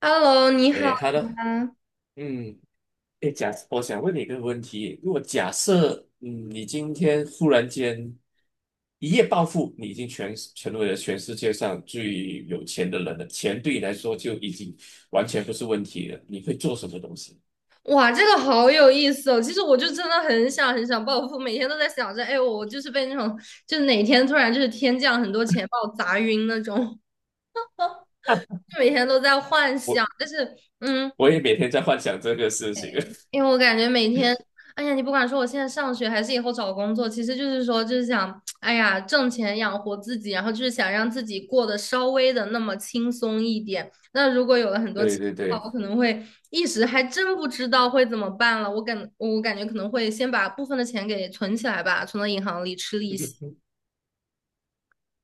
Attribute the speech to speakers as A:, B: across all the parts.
A: Hello，你好
B: 诶，好的。
A: 啊！
B: 嗯。哎，我想问你一个问题。如果假设，你今天忽然间一夜暴富，你已经全成为了全世界上最有钱的人了，钱对你来说就已经完全不是问题了，你会做什么东西？
A: 哇，这个好有意思哦。其实我就真的很想很想暴富，每天都在想着，哎，我就是被那种，就是哪天突然就是天降很多钱把我砸晕那种，就每天都在幻想。
B: 我
A: 但是，嗯，
B: 我也每天在幻想这个事情。
A: 因为我感觉每天，哎呀，你不管说我现在上学还是以后找工作，其实就是说，就是想，哎呀，挣钱养活自己，然后就是想让自己过得稍微的那么轻松一点。那如果有了很 多
B: 对
A: 钱的
B: 对
A: 话，
B: 对。
A: 我可能会一时还真不知道会怎么办了。我感觉可能会先把部分的钱给存起来吧，存到银行里吃利息。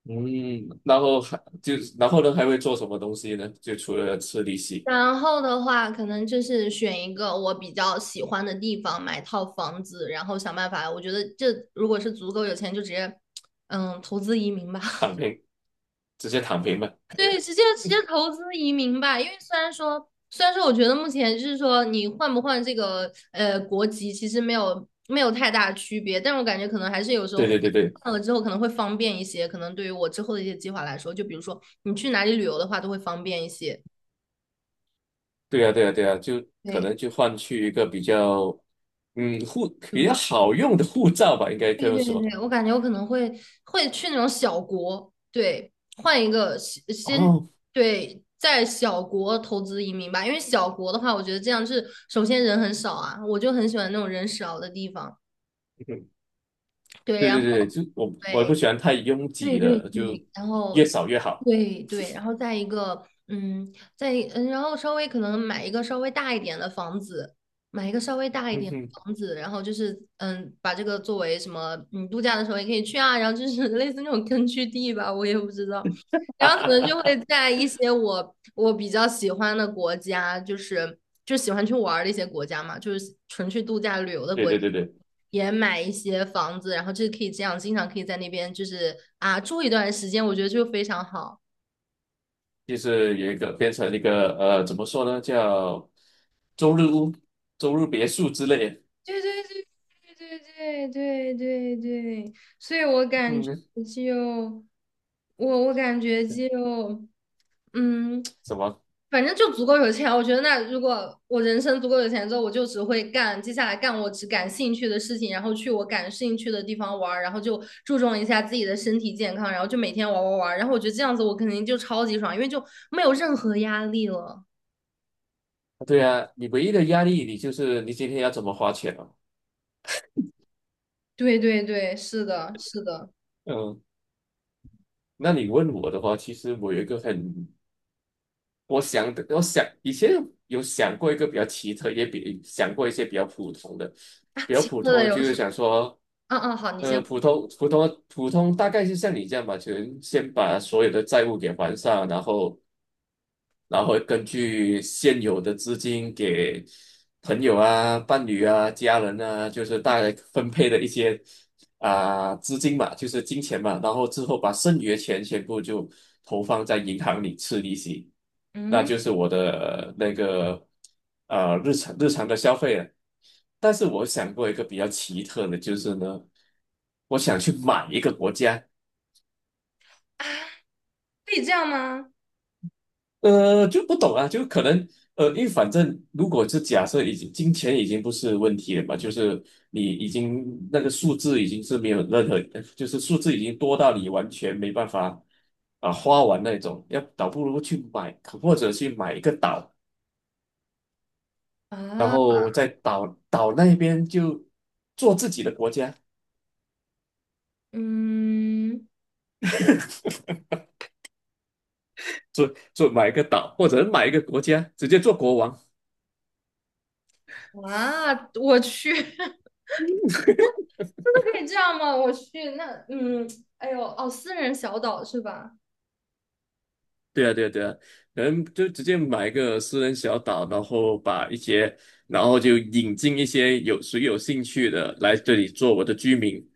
B: 嗯。然后还就然后呢还会做什么东西呢？就除了吃利息。
A: 然后的话，可能就是选一个我比较喜欢的地方买套房子，然后想办法。我觉得这如果是足够有钱，就直接，投资移民吧。
B: 躺 平，直接躺平嘛。
A: 对，直接投资移民吧。因为虽然说，我觉得目前就是说你换不换这个国籍，其实没有太大区别，但我感觉可能还是有时候
B: 对对对对。
A: 换了之后可能会方便一些。可能对于我之后的一些计划来说，就比如说你去哪里旅游的话，都会方便一些。
B: 对呀，对呀，对呀，就可
A: 对，
B: 能就换去一个比较，嗯，护比较
A: 对。
B: 好用的护照吧，应该
A: 对
B: 这么
A: 对对
B: 说。
A: 对，我感觉我可能会去那种小国，对，换一个先先
B: 哦。
A: 对，在小国投资移民吧，因为小国的话，我觉得这样是首先人很少啊，我就很喜欢那种人少的地方，
B: 嗯，
A: 对，
B: 对
A: 然
B: 对
A: 后
B: 对，就我
A: 对，
B: 不喜欢太拥
A: 对
B: 挤
A: 对
B: 的，就
A: 对，然后
B: 越少越好。
A: 对对，然后再一个，嗯，再一嗯，然后稍微可能买一个稍微大一点的房子，买一个稍微大一
B: 嗯
A: 点的
B: 哼。
A: 房子，然后就是把这个作为什么，度假的时候也可以去啊，然后就是 类似那种根据地吧，我也不知道。
B: 哈哈
A: 然后可能
B: 哈
A: 就会
B: 哈。
A: 在一些我比较喜欢的国家，就喜欢去玩儿的一些国家嘛，就是纯去度假旅游的
B: 对
A: 国家，
B: 对对对。
A: 也买一些房子，然后就是可以这样，经常可以在那边就是啊住一段时间，我觉得就非常好。
B: 就是有一个变成一个怎么说呢，叫周日屋、周日别墅之类的。
A: 对对对对对对对对，所以我感觉
B: 嗯，
A: 就我我感觉就 嗯，
B: 什么？
A: 反正就足够有钱。我觉得那如果我人生足够有钱之后，我就只会干接下来干我只感兴趣的事情，然后去我感兴趣的地方玩儿然后就注重一下自己的身体健康，然后就每天玩玩玩儿然后我觉得这样子我肯定就超级爽，因为就没有任何压力了。
B: 对啊，你唯一的压力，你就是你今天要怎么花钱啊？
A: 对对对，是的，是的。
B: 嗯，那你问我的话，其实我有一个很，我想的，我想以前有想过一个比较奇特，也想过一些比较普通的。
A: 啊，
B: 比较
A: 其
B: 普
A: 次
B: 通
A: 的
B: 的
A: 游
B: 就
A: 戏。
B: 是想说，
A: 嗯嗯，好，你先。
B: 普通大概是像你这样吧，就是先把所有的债务给还上，然后根据现有的资金给朋友啊、伴侣啊、家人啊，就是大概分配的一些啊、资金嘛，就是金钱嘛，然后之后把剩余的钱全部就投放在银行里吃利息。那
A: 嗯，
B: 就是我的那个日常的消费了。但是我想过一个比较奇特的，就是呢，我想去买一个国家。
A: 可以这样吗？
B: 就不懂啊，就可能，因为反正如果是假设已经金钱已经不是问题了嘛，就是你已经那个数字已经是没有任何，就是数字已经多到你完全没办法啊、花完那种，要倒不如去买，或者去买一个岛，然
A: 啊，
B: 后在岛那边就做自己的国家。
A: 嗯，
B: 做买一个岛，或者买一个国家，直接做国王。
A: 啊，我去，真的可以这样吗？我去，那嗯，哎呦，哦，私人小岛是吧？
B: 对啊，对啊，对啊，可能就直接买一个私人小岛，然后把一些，然后就引进一些有谁有兴趣的来这里做我的居民，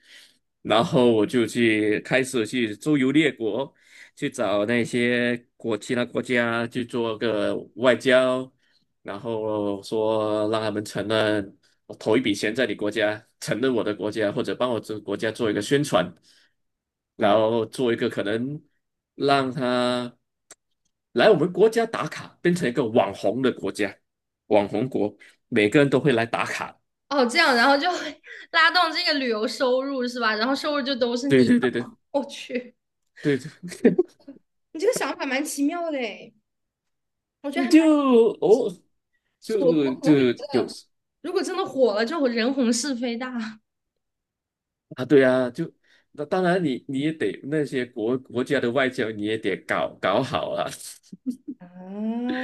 B: 然后我就开始去周游列国，去找那些其他国家去做个外交，然后说让他们承认我投一笔钱在你国家，承认我的国家，或者帮我这个国家做一个宣传，然
A: 啊，
B: 后做一个可能让他来我们国家打卡，变成一个网红的国家，网红国，每个人都会来打卡。
A: 哦，这样，然后就 拉动这个旅游收入是吧？然后收入就都是
B: 对
A: 你的。
B: 对对对
A: 我去，
B: 对
A: 你
B: 对。
A: 你这个想法蛮奇妙的诶，我觉得还 蛮，
B: 就哦，
A: 我
B: 就
A: 可能会觉
B: 就有
A: 得，如果真的火了，就人红是非大。
B: 啊，对啊，就那当然你也得那些国家的外交你也得搞好啊。
A: 啊，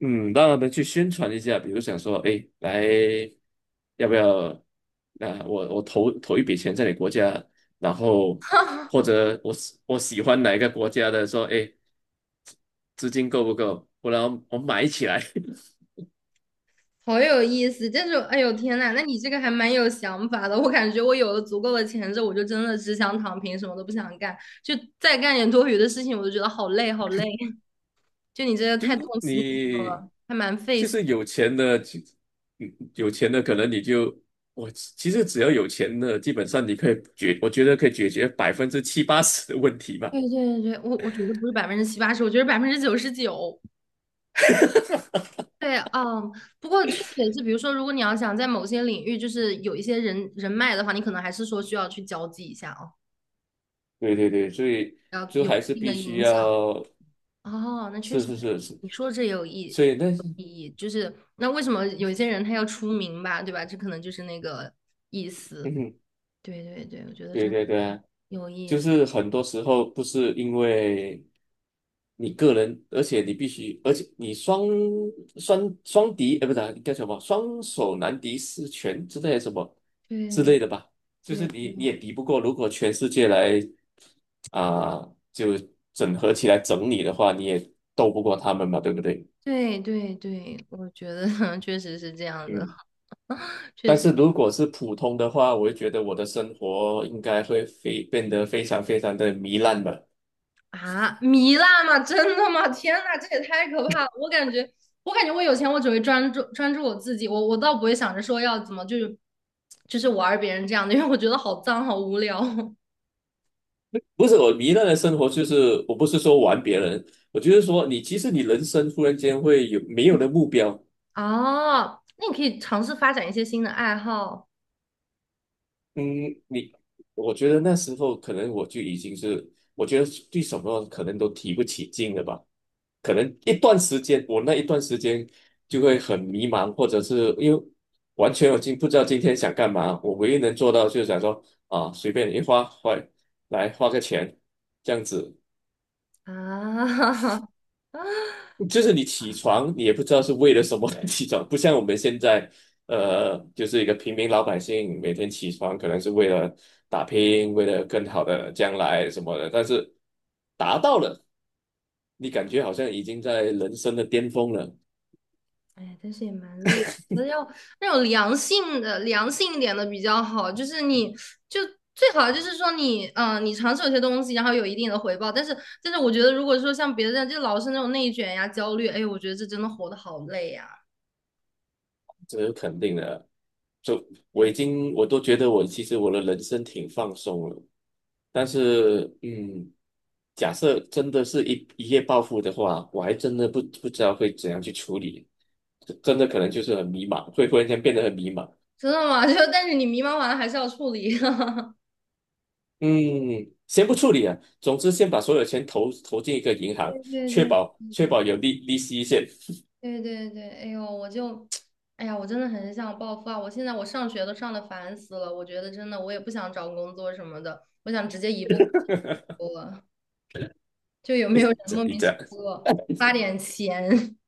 B: 嗯，让他们去宣传一下，比如想说，哎，来，要不要？啊，我投一笔钱在你国家，然后或者我喜欢哪一个国家的，说，哎，资金够不够？不然我买起来。
A: 好有意思，但是哎呦天呐，那你这个还蛮有想法的。我感觉我有了足够的钱之后，我就真的只想躺平，什么都不想干，就再干点多余的事情，我就觉得好累好累。就你这个
B: 就
A: 太动心思
B: 你
A: 了，还蛮费
B: 就
A: 心。
B: 是有钱的，就有钱的可能你就，我其实只要有钱的，基本上你可以解，我觉得可以解决70%-80%的问题吧。
A: 对对对，我觉得不是百分之七八十，我觉得99%。对，不过确实也是，比如说，如果你要想在某些领域就是有一些人脉的话，你可能还是说需要去交际一下哦，
B: 对对对，所以
A: 要
B: 就
A: 有一
B: 还是
A: 定的
B: 必须
A: 影响。
B: 要，
A: 哦，那确
B: 是
A: 实，
B: 是是是，
A: 你说这
B: 所以那是。
A: 有意 义，就是那为什么有些人他要出名吧，对吧？这可能就是那个意思。
B: 嗯哼，
A: 对对对，我觉得
B: 对
A: 真
B: 对对啊，
A: 有意
B: 就
A: 思。
B: 是很多时候不是因为你个人，而且你必须，而且你双敌，不是啊叫什么，双手难敌四拳之类的什么之
A: 对
B: 类的吧，就是你也敌不过，如果全世界来啊、就整合起来整你的话，你也斗不过他们嘛，对不对？
A: 对对对对，我觉得 确实是这样的，
B: 嗯。
A: 确
B: 但
A: 实
B: 是如果是普通的话，我会觉得我的生活应该会非变得非常非常的糜烂吧。
A: 啊，糜烂吗？真的吗？天呐，这也太可怕了！我感觉，我感觉我有钱，我只会专注我自己，我倒不会想着说要怎么就是玩别人这样的，因为我觉得好脏，好无聊。
B: 不是我糜烂的生活，就是我不是说玩别人，我就是说你其实你人生突然间没有了目标。
A: 哦，那你可以尝试发展一些新的爱好
B: 嗯，你，我觉得那时候可能我就已经是，我觉得对什么可能都提不起劲了吧。可能一段时间，我那一段时间就会很迷茫，或者是因为完全不知道今天想干嘛。我唯一能做到就是想说啊，随便一花花来花个钱，这样子
A: 啊。啊！
B: 就是你起床，你也不知道是为了什么而起床。不像我们现在，就是一个平民老百姓，每天起床可能是为了打拼，为了更好的将来什么的。但是达到了，你感觉好像已经在人生的巅峰了。
A: 哎，但是也蛮累的，我觉得要那种良性的、良性一点的比较好。就是你就最好就是说你，你尝试有些东西，然后有一定的回报。但是，我觉得如果说像别的这样，就老是那种内卷呀、焦虑，哎，我觉得这真的活得好累呀。
B: 就我已
A: 哎，
B: 经我都觉得，我其实我的人生挺放松了。但是，假设真的是一夜暴富的话，我还真的不知道会怎样去处理，真的可能就是很迷茫，会忽然间变得很迷茫。
A: 真的吗？就但是你迷茫完了还是要处理。
B: 嗯，先不处理啊，总之先把所有钱投进一个银
A: 对
B: 行，
A: 对
B: 确
A: 对。是
B: 保
A: 这
B: 确
A: 样
B: 保有利息先。
A: 对对对，哎呦，我就，哎呀，我真的很想暴富啊！我现在我上学都上的烦死了，我觉得真的我也不想找工作什么的，我想直接一步我就有没有人 莫名
B: 这
A: 其
B: 样
A: 妙发点钱？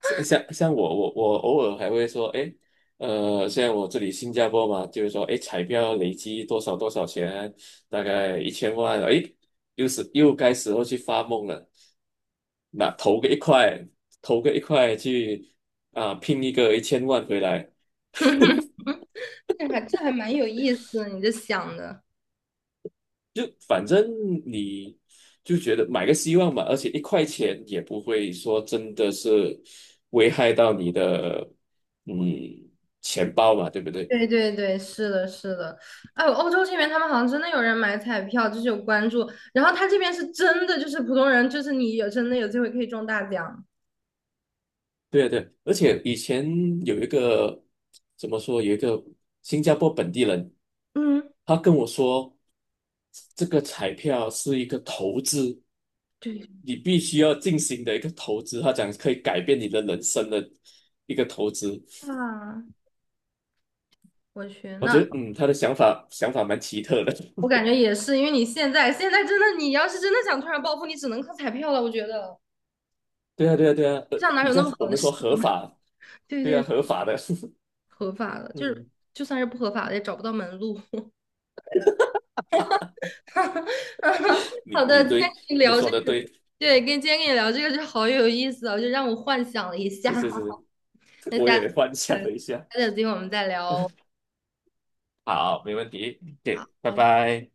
B: 像我偶尔还会说，哎，像我这里新加坡嘛，就是说，哎，彩票累积多少多少钱，大概一千万。哎，又该时候去发梦了，那投个一块去啊、拼一个一千万回来。
A: 这还蛮有意思的，你这想的。
B: 就反正你就觉得买个希望嘛，而且1块钱也不会说真的是危害到你的嗯钱包嘛，对不对？
A: 对对对，是的，是的。哎，欧洲这边他们好像真的有人买彩票，就是有关注，然后他这边是真的，就是普通人，就是你有真的有机会可以中大奖。
B: 对啊对啊，而且以前有一个怎么说，有一个新加坡本地人，
A: 嗯，
B: 他跟我说，这个彩票是一个投资，
A: 对
B: 你必须要进行的一个投资，他讲可以改变你的人生的一个投资。
A: 啊，我去，
B: 我觉
A: 那。
B: 得，他的想法蛮奇特的。
A: 我感觉也是，因为你现在真的，你要是真的想突然暴富，你只能靠彩票了。我觉得
B: 对啊，对啊，对啊，
A: 世上哪
B: 比
A: 有那
B: 较
A: 么
B: 我
A: 好的
B: 们说
A: 事？
B: 合法，
A: 对
B: 对啊，
A: 对，
B: 合法的。
A: 合法的，就是
B: 嗯，
A: 就算是不合法的，也找不到门路。好
B: 你你
A: 的，今天
B: 对
A: 跟你
B: 你
A: 聊这
B: 说的
A: 个，
B: 对，
A: 对，跟今天跟你聊这个就好有意思啊，就让我幻想了一下。
B: 是是是，
A: 那
B: 我
A: 下次，
B: 也幻想
A: 对，下
B: 了一下。
A: 次有机会我们再聊哦。
B: 好，没问题
A: 好，
B: 对，拜
A: 拜拜。
B: 拜。